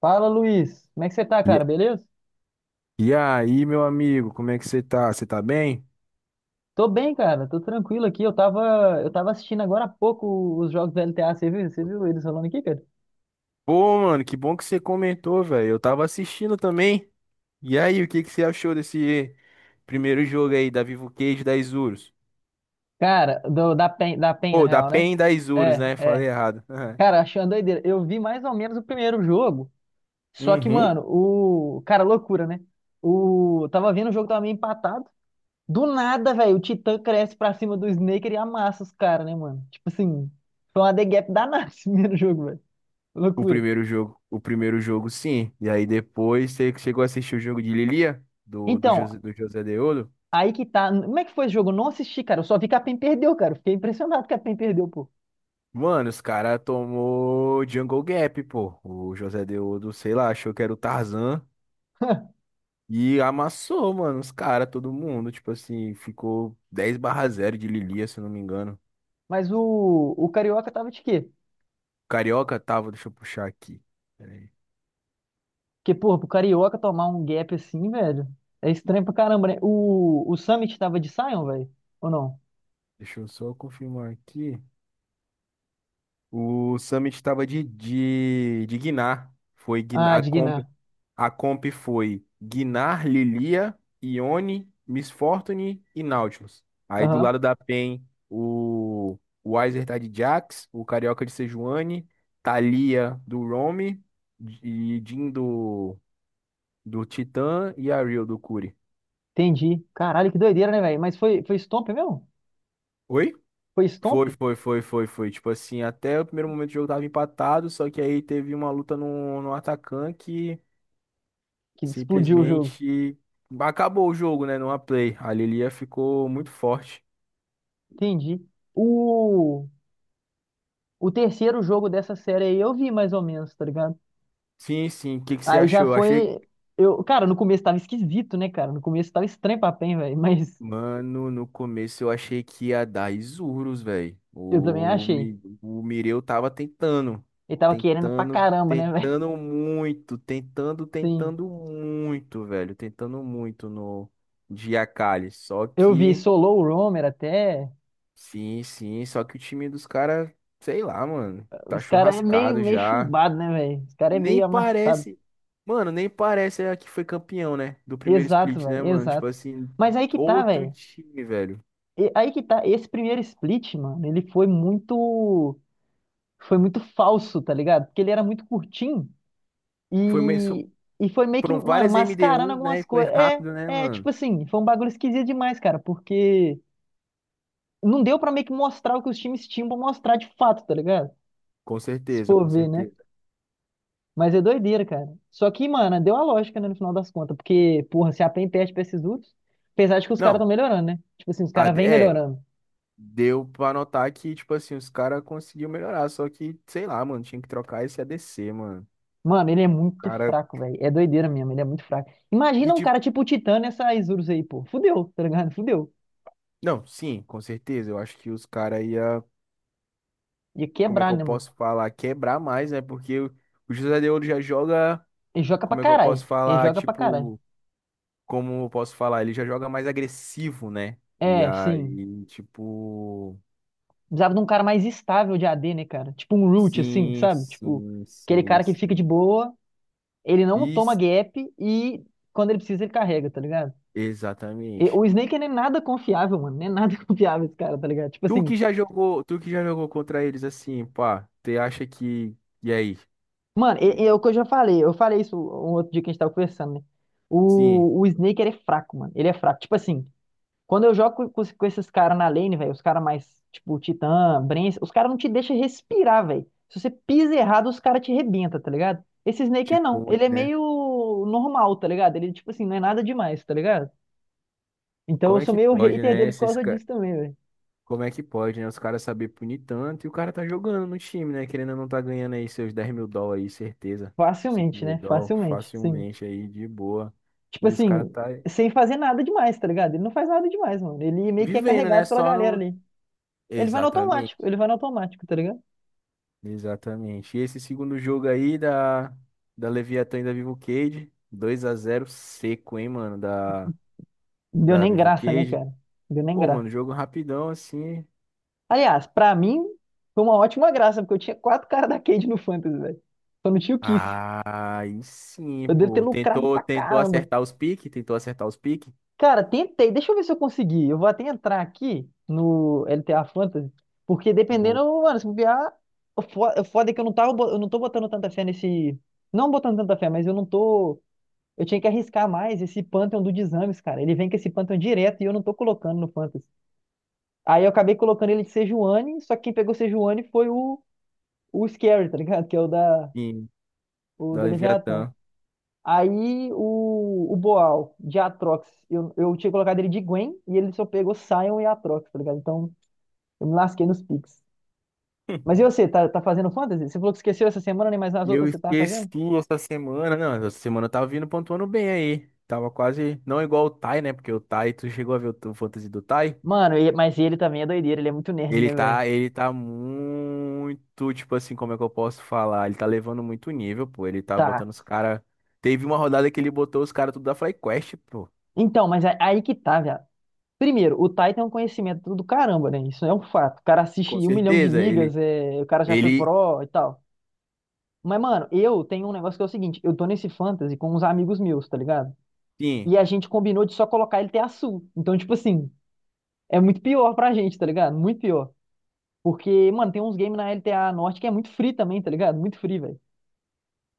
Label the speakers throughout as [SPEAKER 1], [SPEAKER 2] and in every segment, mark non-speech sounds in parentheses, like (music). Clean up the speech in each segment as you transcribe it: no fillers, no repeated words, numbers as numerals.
[SPEAKER 1] Fala, Luiz. Como é que você tá, cara?
[SPEAKER 2] E,
[SPEAKER 1] Beleza?
[SPEAKER 2] e aí, meu amigo, como é que você tá? Você tá bem?
[SPEAKER 1] Tô bem, cara. Tô tranquilo aqui. Eu tava assistindo agora há pouco os jogos da LTA. Você viu? Você viu eles rolando aqui, cara?
[SPEAKER 2] Pô, mano, que bom que você comentou, velho. Eu tava assistindo também. E aí, o que que você achou desse primeiro jogo aí da Vivo Cage da Isurus?
[SPEAKER 1] Cara, da PEN, na
[SPEAKER 2] Pô, da
[SPEAKER 1] real, né?
[SPEAKER 2] PEN da Isurus,
[SPEAKER 1] É,
[SPEAKER 2] né? Falei
[SPEAKER 1] é.
[SPEAKER 2] errado. (laughs)
[SPEAKER 1] Cara, achando uma doideira. Eu vi mais ou menos o primeiro jogo. Só que,
[SPEAKER 2] Uhum.
[SPEAKER 1] mano, cara, loucura, né? Tava vendo o jogo, tava meio empatado. Do nada, velho, o Titã cresce pra cima do Snaker e amassa os caras, né, mano? Tipo assim, foi uma The Gap danada esse (laughs) primeiro jogo, velho. Loucura.
[SPEAKER 2] O primeiro jogo, sim. E aí depois você chegou a assistir o jogo de Lilia do
[SPEAKER 1] Então,
[SPEAKER 2] José, do José Deodo?
[SPEAKER 1] aí que tá. Como é que foi esse jogo? Eu não assisti, cara. Eu só vi que a PEN perdeu, cara. Eu fiquei impressionado que a PEN perdeu, pô.
[SPEAKER 2] Mano, os cara tomou Jungle Gap, pô. O José Deodo, sei lá, achou que era o Tarzan. E amassou, mano, os caras, todo mundo. Tipo assim, ficou 10 barra zero de Lilia, se eu não me engano.
[SPEAKER 1] Mas o Carioca tava de quê?
[SPEAKER 2] Carioca tava, deixa eu puxar aqui. Pera aí.
[SPEAKER 1] Porque, pô, pro Carioca tomar um gap assim, velho, é estranho pra caramba, né? O Summit tava de Sion, velho? Ou não?
[SPEAKER 2] Deixa eu só confirmar aqui. O Summit tava de, Guiná. Foi Guiná,
[SPEAKER 1] Ah, de Guiné.
[SPEAKER 2] a comp foi Gnar, Lilia, Ione, Miss Fortune e Nautilus. Aí do
[SPEAKER 1] Aham.
[SPEAKER 2] lado da PEN, o o Weiser tá de Jax, o Carioca de Sejuani, Thalia do Roam e Jhin do, do Titã e a Rio do Curi.
[SPEAKER 1] Entendi. Caralho, que doideira, né, velho? Mas foi, foi Stomp mesmo?
[SPEAKER 2] Oi?
[SPEAKER 1] Foi
[SPEAKER 2] Foi,
[SPEAKER 1] Stomp
[SPEAKER 2] foi, foi, foi, foi. Tipo assim, até o primeiro momento do jogo tava empatado, só que aí teve uma luta no, no Atacan que
[SPEAKER 1] que explodiu o jogo.
[SPEAKER 2] simplesmente acabou o jogo, né? Numa play. A Lilia ficou muito forte.
[SPEAKER 1] Entendi. O, o terceiro jogo dessa série aí eu vi mais ou menos, tá ligado?
[SPEAKER 2] Sim, sim. O que que você
[SPEAKER 1] Aí já
[SPEAKER 2] achou? Eu achei.
[SPEAKER 1] foi. Eu, cara, no começo tava esquisito, né, cara? No começo tava estranho pra PEN, velho. (laughs) Mas
[SPEAKER 2] Mano, no começo eu achei que ia dar Isurus, velho.
[SPEAKER 1] eu também
[SPEAKER 2] O,
[SPEAKER 1] achei.
[SPEAKER 2] Mi- o Mireu tava tentando.
[SPEAKER 1] Ele tava querendo pra
[SPEAKER 2] Tentando,
[SPEAKER 1] caramba, né, (laughs) velho?
[SPEAKER 2] tentando muito. Tentando,
[SPEAKER 1] Sim.
[SPEAKER 2] tentando muito, velho. Tentando muito no de Akali. Só
[SPEAKER 1] Eu vi
[SPEAKER 2] que.
[SPEAKER 1] Solo o Roamer até.
[SPEAKER 2] Sim, sim. Só que o time dos caras, sei lá, mano. Tá
[SPEAKER 1] Os caras é meio,
[SPEAKER 2] churrascado
[SPEAKER 1] meio
[SPEAKER 2] já.
[SPEAKER 1] chumbado, né, velho? Os caras é
[SPEAKER 2] Nem
[SPEAKER 1] meio amassado.
[SPEAKER 2] parece. Mano, nem parece a que foi campeão, né? Do primeiro
[SPEAKER 1] Exato,
[SPEAKER 2] split,
[SPEAKER 1] velho.
[SPEAKER 2] né, mano? Tipo
[SPEAKER 1] Exato.
[SPEAKER 2] assim,
[SPEAKER 1] Mas aí que tá,
[SPEAKER 2] outro
[SPEAKER 1] velho.
[SPEAKER 2] time, velho.
[SPEAKER 1] Aí que tá. Esse primeiro split, mano, ele foi muito. Foi muito falso, tá ligado? Porque ele era muito curtinho.
[SPEAKER 2] Foi mesmo.
[SPEAKER 1] E, e foi meio que,
[SPEAKER 2] Foram
[SPEAKER 1] mano,
[SPEAKER 2] várias
[SPEAKER 1] mascarando
[SPEAKER 2] MD1, né?
[SPEAKER 1] algumas
[SPEAKER 2] E foi
[SPEAKER 1] coisas. É,
[SPEAKER 2] rápido, né,
[SPEAKER 1] é, tipo
[SPEAKER 2] mano?
[SPEAKER 1] assim, foi um bagulho esquisito demais, cara, porque não deu pra meio que mostrar o que os times tinham pra mostrar de fato, tá ligado?
[SPEAKER 2] Com
[SPEAKER 1] Se
[SPEAKER 2] certeza,
[SPEAKER 1] for
[SPEAKER 2] com
[SPEAKER 1] ver, né?
[SPEAKER 2] certeza.
[SPEAKER 1] Mas é doideira, cara. Só que, mano, deu a lógica, né, no final das contas, porque, porra, se a PEN perde pra esses outros, apesar de que os caras
[SPEAKER 2] Não,
[SPEAKER 1] estão melhorando, né? Tipo assim, os
[SPEAKER 2] a
[SPEAKER 1] caras
[SPEAKER 2] de-
[SPEAKER 1] vêm
[SPEAKER 2] é,
[SPEAKER 1] melhorando.
[SPEAKER 2] deu pra notar que, tipo assim, os caras conseguiu melhorar. Só que, sei lá, mano, tinha que trocar esse ADC, mano.
[SPEAKER 1] Mano, ele é
[SPEAKER 2] O
[SPEAKER 1] muito
[SPEAKER 2] cara.
[SPEAKER 1] fraco, velho. É doideira mesmo, ele é muito fraco.
[SPEAKER 2] E
[SPEAKER 1] Imagina um
[SPEAKER 2] tipo.
[SPEAKER 1] cara tipo o Titã nessa Isurus aí, pô. Fudeu, tá ligado? Fudeu.
[SPEAKER 2] Não, sim, com certeza. Eu acho que os caras ia.
[SPEAKER 1] Ia
[SPEAKER 2] Como é que
[SPEAKER 1] quebrar,
[SPEAKER 2] eu
[SPEAKER 1] né, mano?
[SPEAKER 2] posso falar? Quebrar mais, né? Porque o José de Ouro já joga.
[SPEAKER 1] Ele joga pra
[SPEAKER 2] Como é que eu posso
[SPEAKER 1] caralho. Ele
[SPEAKER 2] falar?
[SPEAKER 1] joga pra caralho.
[SPEAKER 2] Tipo, como eu posso falar? Ele já joga mais agressivo, né? E
[SPEAKER 1] É, sim.
[SPEAKER 2] aí, tipo,
[SPEAKER 1] Precisava de um cara mais estável de AD, né, cara? Tipo um root, assim,
[SPEAKER 2] sim,
[SPEAKER 1] sabe? Tipo,
[SPEAKER 2] sim,
[SPEAKER 1] aquele
[SPEAKER 2] sim,
[SPEAKER 1] cara que fica de
[SPEAKER 2] sim.
[SPEAKER 1] boa, ele não toma
[SPEAKER 2] Isso,
[SPEAKER 1] gap e quando ele precisa ele carrega, tá ligado? E
[SPEAKER 2] exatamente.
[SPEAKER 1] o Snake não é nada confiável, mano. Não é nada (laughs) confiável esse cara, tá ligado? Tipo
[SPEAKER 2] Tu
[SPEAKER 1] assim,
[SPEAKER 2] que já jogou, tu que já jogou contra eles assim, pá, tu acha que. E aí?
[SPEAKER 1] mano, e é o que eu já falei. Eu falei isso um outro dia que a gente tava conversando, né?
[SPEAKER 2] Sim,
[SPEAKER 1] O Snake, ele é fraco, mano. Ele é fraco. Tipo assim, quando eu jogo com esses caras na lane, velho, os caras mais, tipo, Titã, Brence, os caras não te deixam respirar, velho. Se você pisa errado, os caras te rebentam, tá ligado? Esse Snake é não.
[SPEAKER 2] tipo,
[SPEAKER 1] Ele é
[SPEAKER 2] né?
[SPEAKER 1] meio normal, tá ligado? Ele, tipo assim, não é nada demais, tá ligado? Então
[SPEAKER 2] Como
[SPEAKER 1] eu
[SPEAKER 2] é
[SPEAKER 1] sou
[SPEAKER 2] que
[SPEAKER 1] meio
[SPEAKER 2] pode,
[SPEAKER 1] hater
[SPEAKER 2] né?
[SPEAKER 1] dele por causa disso também, velho.
[SPEAKER 2] Como é que pode, né? Os caras saber punir tanto e o cara tá jogando no time, né? Querendo ou não tá ganhando aí seus US$ 10.000 aí, certeza. cinco
[SPEAKER 1] Facilmente,
[SPEAKER 2] mil
[SPEAKER 1] né?
[SPEAKER 2] dólares
[SPEAKER 1] Facilmente, sim.
[SPEAKER 2] facilmente aí, de boa.
[SPEAKER 1] Tipo
[SPEAKER 2] E os caras
[SPEAKER 1] assim,
[SPEAKER 2] tá
[SPEAKER 1] sem fazer nada demais, tá ligado? Ele não faz nada demais, mano. Ele meio que é
[SPEAKER 2] vivendo, né?
[SPEAKER 1] carregado pela
[SPEAKER 2] Só
[SPEAKER 1] galera
[SPEAKER 2] no.
[SPEAKER 1] ali. Ele vai no
[SPEAKER 2] Exatamente,
[SPEAKER 1] automático, ele vai no automático, tá ligado?
[SPEAKER 2] exatamente. E esse segundo jogo aí da, da Leviatã e da Vivo Cage, 2-0 seco, hein, mano? Da,
[SPEAKER 1] Deu
[SPEAKER 2] da
[SPEAKER 1] nem
[SPEAKER 2] Vivo
[SPEAKER 1] graça, né,
[SPEAKER 2] Cage.
[SPEAKER 1] cara? Deu nem
[SPEAKER 2] Pô, mano,
[SPEAKER 1] graça.
[SPEAKER 2] jogo rapidão assim.
[SPEAKER 1] Aliás, pra mim, foi uma ótima graça, porque eu tinha quatro caras da Cade no Fantasy, velho. Só não tinha o Kiss.
[SPEAKER 2] Ah, aí sim,
[SPEAKER 1] Eu devo ter
[SPEAKER 2] pô.
[SPEAKER 1] lucrado
[SPEAKER 2] Tentou,
[SPEAKER 1] pra
[SPEAKER 2] tentou
[SPEAKER 1] caramba.
[SPEAKER 2] acertar os piques, tentou acertar os piques.
[SPEAKER 1] Cara, tentei. Deixa eu ver se eu consegui. Eu vou até entrar aqui no LTA Fantasy, porque dependendo, mano, se bobear, o foda é que eu não tava, eu não tô botando tanta fé nesse, não botando tanta fé, mas eu não tô, eu tinha que arriscar mais esse Pantheon do Dizames, cara. Ele vem com esse Pantheon direto e eu não tô colocando no Fantasy. Aí eu acabei colocando ele de Sejuani, só que quem pegou Sejuani foi o Scary, tá ligado? Que é
[SPEAKER 2] Sim,
[SPEAKER 1] o
[SPEAKER 2] da
[SPEAKER 1] da Leviatã.
[SPEAKER 2] Leviatã.
[SPEAKER 1] Aí o Boal de Atrox, eu tinha colocado ele de Gwen e ele só pegou Sion e Atrox, tá ligado? Então eu me lasquei nos picks. Mas e você, tá fazendo fantasy? Você falou que esqueceu essa semana, né? Mas nas
[SPEAKER 2] Eu
[SPEAKER 1] outras você tá
[SPEAKER 2] esqueci
[SPEAKER 1] fazendo?
[SPEAKER 2] essa semana. Não, essa semana eu tava vindo pontuando bem aí. Tava quase. Não igual o Tai, né? Porque o Tai, tu chegou a ver o fantasy do Tai?
[SPEAKER 1] Mano, mas ele também é doideira, ele é muito nerd, né, velho?
[SPEAKER 2] Ele tá muito, tipo assim, como é que eu posso falar? Ele tá levando muito nível, pô. Ele tá
[SPEAKER 1] Tá.
[SPEAKER 2] botando os caras. Teve uma rodada que ele botou os caras tudo da FlyQuest, pô.
[SPEAKER 1] Então, mas aí que tá, velho. Primeiro, o Tai tem um conhecimento do caramba, né? Isso é um fato. O cara assiste
[SPEAKER 2] Com
[SPEAKER 1] um milhão de
[SPEAKER 2] certeza, ele,
[SPEAKER 1] ligas, o cara já foi
[SPEAKER 2] ele,
[SPEAKER 1] pro e tal. Mas, mano, eu tenho um negócio que é o seguinte, eu tô nesse fantasy com uns amigos meus, tá ligado?
[SPEAKER 2] sim,
[SPEAKER 1] E a gente combinou de só colocar ele ter azul. Então, tipo assim, é muito pior pra gente, tá ligado? Muito pior. Porque, mano, tem uns games na LTA Norte que é muito free também, tá ligado? Muito free, velho.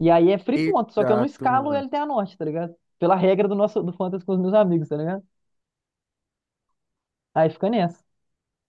[SPEAKER 1] E aí é free ponto, só que eu não
[SPEAKER 2] exato,
[SPEAKER 1] escalo o
[SPEAKER 2] mano.
[SPEAKER 1] LTA Norte, tá ligado? Pela regra do nosso do fantasy com os meus amigos, tá ligado? Aí fica nessa.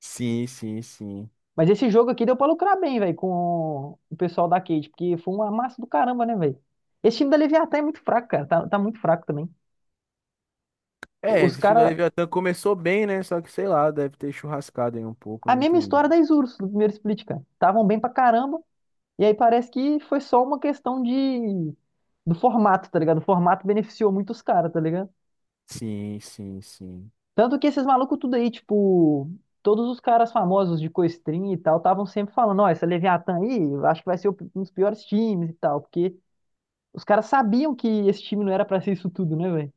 [SPEAKER 2] Sim, sim, sim.
[SPEAKER 1] Mas esse jogo aqui deu pra lucrar bem, velho, com o pessoal da Cade, porque foi uma massa do caramba, né, velho? Esse time da Leviatã é muito fraco, cara. Tá muito fraco também.
[SPEAKER 2] É,
[SPEAKER 1] Os
[SPEAKER 2] esse time do
[SPEAKER 1] caras
[SPEAKER 2] Leviatã começou bem, né? Só que sei lá, deve ter churrascado aí um pouco,
[SPEAKER 1] a
[SPEAKER 2] não
[SPEAKER 1] mesma
[SPEAKER 2] entendi.
[SPEAKER 1] história da Isurus, do primeiro split, cara. Estavam bem pra caramba, e aí parece que foi só uma questão de... do formato, tá ligado? O formato beneficiou muito os caras, tá ligado?
[SPEAKER 2] Sim, sim, sim.
[SPEAKER 1] Tanto que esses malucos tudo aí, tipo, todos os caras famosos de Coestrin e tal, estavam sempre falando, ó, essa Leviatã aí, eu acho que vai ser um dos piores times e tal, porque os caras sabiam que esse time não era pra ser isso tudo, né, velho?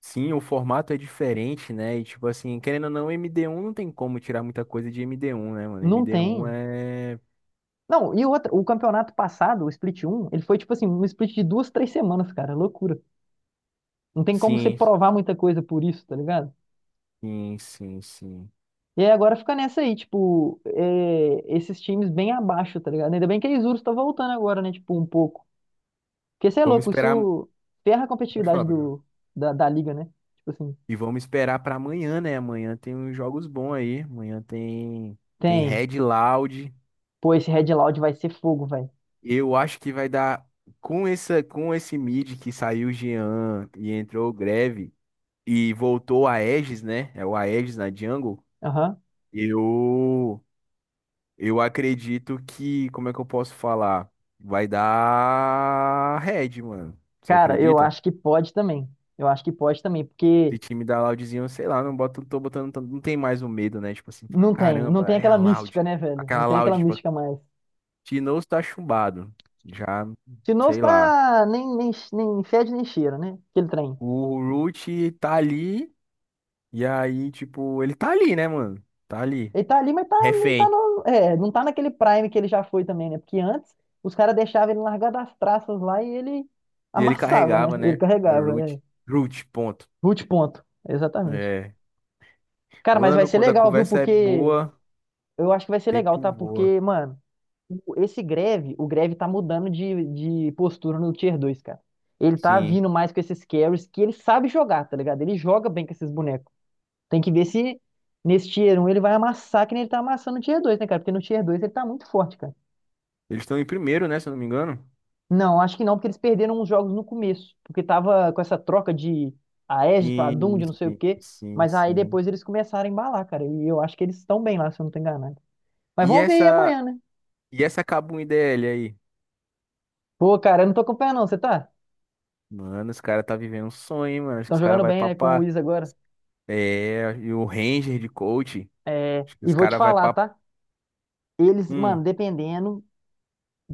[SPEAKER 2] Sim, o formato é diferente, né? E tipo assim, querendo ou não, MD1 não tem como tirar muita coisa de MD1, né, mano?
[SPEAKER 1] Não
[SPEAKER 2] MD1
[SPEAKER 1] tem.
[SPEAKER 2] é.
[SPEAKER 1] Não, e outra, o campeonato passado, o Split um ele foi, tipo assim, um split de duas, três semanas, cara, é loucura. Não tem como você
[SPEAKER 2] Sim,
[SPEAKER 1] provar muita coisa por isso, tá ligado?
[SPEAKER 2] sim, sim, sim.
[SPEAKER 1] E aí agora fica nessa aí, tipo, é, esses times bem abaixo, tá ligado? Ainda bem que a Isurus tá voltando agora, né? Tipo, um pouco. Porque você é
[SPEAKER 2] Vamos
[SPEAKER 1] louco,
[SPEAKER 2] esperar.
[SPEAKER 1] isso ferra a
[SPEAKER 2] Pode
[SPEAKER 1] competitividade
[SPEAKER 2] falar, pode falar.
[SPEAKER 1] do, da liga, né? Tipo assim,
[SPEAKER 2] E vamos esperar pra amanhã, né? Amanhã tem uns jogos bons aí. Amanhã tem. Tem
[SPEAKER 1] tem.
[SPEAKER 2] Red Loud.
[SPEAKER 1] Pô, esse Red Loud vai ser fogo, velho.
[SPEAKER 2] Eu acho que vai dar com esse mid que saiu o Jean e entrou o Greve e voltou a Aegis, né? É o Aegis na jungle.
[SPEAKER 1] Aham.
[SPEAKER 2] Eu eu acredito que, como é que eu posso falar? Vai dar red, mano. Você
[SPEAKER 1] Cara, eu
[SPEAKER 2] acredita?
[SPEAKER 1] acho que pode também. Eu acho que pode também, porque
[SPEAKER 2] Esse time da Loudzinho, sei lá, não bota, tô botando, não tem mais o medo, né? Tipo assim, fala,
[SPEAKER 1] não tem, não
[SPEAKER 2] caramba,
[SPEAKER 1] tem
[SPEAKER 2] é a
[SPEAKER 1] aquela mística,
[SPEAKER 2] Loud.
[SPEAKER 1] né, velho? Não
[SPEAKER 2] Aquela
[SPEAKER 1] tem aquela
[SPEAKER 2] Loud, tipo,
[SPEAKER 1] mística mais.
[SPEAKER 2] Tinoz tá chumbado. Já,
[SPEAKER 1] Se não
[SPEAKER 2] sei lá.
[SPEAKER 1] está nem fede nem cheira, né? Aquele trem.
[SPEAKER 2] O Root tá ali. E aí, tipo, ele tá ali, né, mano? Tá ali.
[SPEAKER 1] Ele tá ali, mas tá, não tá
[SPEAKER 2] Refém.
[SPEAKER 1] no, é, não tá naquele prime que ele já foi também, né? Porque antes os caras deixavam ele largar das traças lá e ele
[SPEAKER 2] E ele
[SPEAKER 1] amassava, né?
[SPEAKER 2] carregava,
[SPEAKER 1] Ele
[SPEAKER 2] né? É
[SPEAKER 1] carregava. É.
[SPEAKER 2] Root. Root, ponto.
[SPEAKER 1] Root ponto. Exatamente.
[SPEAKER 2] É.
[SPEAKER 1] Cara, mas vai
[SPEAKER 2] Mano,
[SPEAKER 1] ser
[SPEAKER 2] quando a
[SPEAKER 1] legal, viu?
[SPEAKER 2] conversa é
[SPEAKER 1] Porque
[SPEAKER 2] boa, o
[SPEAKER 1] eu acho que vai ser legal,
[SPEAKER 2] tempo
[SPEAKER 1] tá?
[SPEAKER 2] voa.
[SPEAKER 1] Porque, mano, esse Greve, o Greve tá mudando de postura no Tier dois, cara. Ele tá
[SPEAKER 2] Sim.
[SPEAKER 1] vindo mais com esses carries que ele sabe jogar, tá ligado? Ele joga bem com esses bonecos. Tem que ver se nesse Tier um ele vai amassar que nem ele tá amassando no Tier dois, né, cara? Porque no Tier dois ele tá muito forte, cara.
[SPEAKER 2] Eles estão em primeiro, né? Se eu não me engano.
[SPEAKER 1] Não, acho que não, porque eles perderam uns jogos no começo, porque tava com essa troca de Aegis pra Doom,
[SPEAKER 2] Sim,
[SPEAKER 1] de não sei o
[SPEAKER 2] sim,
[SPEAKER 1] quê,
[SPEAKER 2] sim,
[SPEAKER 1] mas aí
[SPEAKER 2] sim.
[SPEAKER 1] depois eles começaram a embalar, cara, e eu acho que eles estão bem lá, se eu não tô enganado. Mas
[SPEAKER 2] E
[SPEAKER 1] vamos ver aí
[SPEAKER 2] essa.
[SPEAKER 1] amanhã, né?
[SPEAKER 2] E essa Kabum IDL aí?
[SPEAKER 1] Pô, cara, eu não tô acompanhando não, você tá?
[SPEAKER 2] Mano, os caras tá vivendo um sonho, hein, mano. Acho que
[SPEAKER 1] Estão
[SPEAKER 2] os caras
[SPEAKER 1] jogando
[SPEAKER 2] vai
[SPEAKER 1] bem, né, com o
[SPEAKER 2] papar.
[SPEAKER 1] Wiz agora.
[SPEAKER 2] É, e o Ranger de coach.
[SPEAKER 1] É,
[SPEAKER 2] Acho que
[SPEAKER 1] e
[SPEAKER 2] os
[SPEAKER 1] vou te
[SPEAKER 2] caras vai
[SPEAKER 1] falar,
[SPEAKER 2] pra.
[SPEAKER 1] tá? Eles, mano,
[SPEAKER 2] Hum.
[SPEAKER 1] dependendo,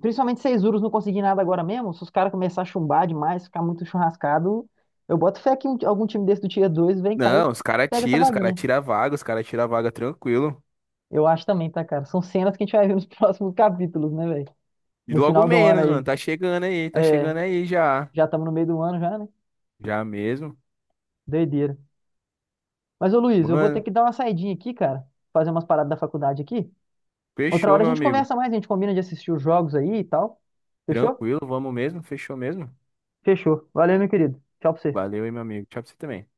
[SPEAKER 1] principalmente se Urus não conseguir nada agora mesmo, se os caras começar a chumbar demais, ficar muito churrascado, eu boto fé que algum time desse do Tier dois vem cá e
[SPEAKER 2] Não,
[SPEAKER 1] pega essa
[SPEAKER 2] os caras
[SPEAKER 1] vaguinha.
[SPEAKER 2] tiram a vaga, os caras tiram a vaga tranquilo.
[SPEAKER 1] Eu acho também, tá, cara? São cenas que a gente vai ver nos (laughs) próximos capítulos, né, velho?
[SPEAKER 2] E
[SPEAKER 1] No
[SPEAKER 2] logo
[SPEAKER 1] final do ano
[SPEAKER 2] menos, mano.
[SPEAKER 1] aí.
[SPEAKER 2] Tá
[SPEAKER 1] É,
[SPEAKER 2] chegando aí já.
[SPEAKER 1] já estamos no meio do ano já, né?
[SPEAKER 2] Já mesmo.
[SPEAKER 1] Doideira. Mas, ô Luiz, eu vou ter
[SPEAKER 2] Mano,
[SPEAKER 1] que dar uma saidinha aqui, cara. Fazer umas paradas da faculdade aqui. Outra
[SPEAKER 2] fechou,
[SPEAKER 1] hora a
[SPEAKER 2] meu
[SPEAKER 1] gente
[SPEAKER 2] amigo.
[SPEAKER 1] conversa mais, a gente combina de assistir os jogos aí e tal. Fechou?
[SPEAKER 2] Tranquilo, vamos mesmo? Fechou mesmo?
[SPEAKER 1] Fechou. Valeu, meu querido. Tchau pra você.
[SPEAKER 2] Valeu aí, meu amigo. Tchau pra você também.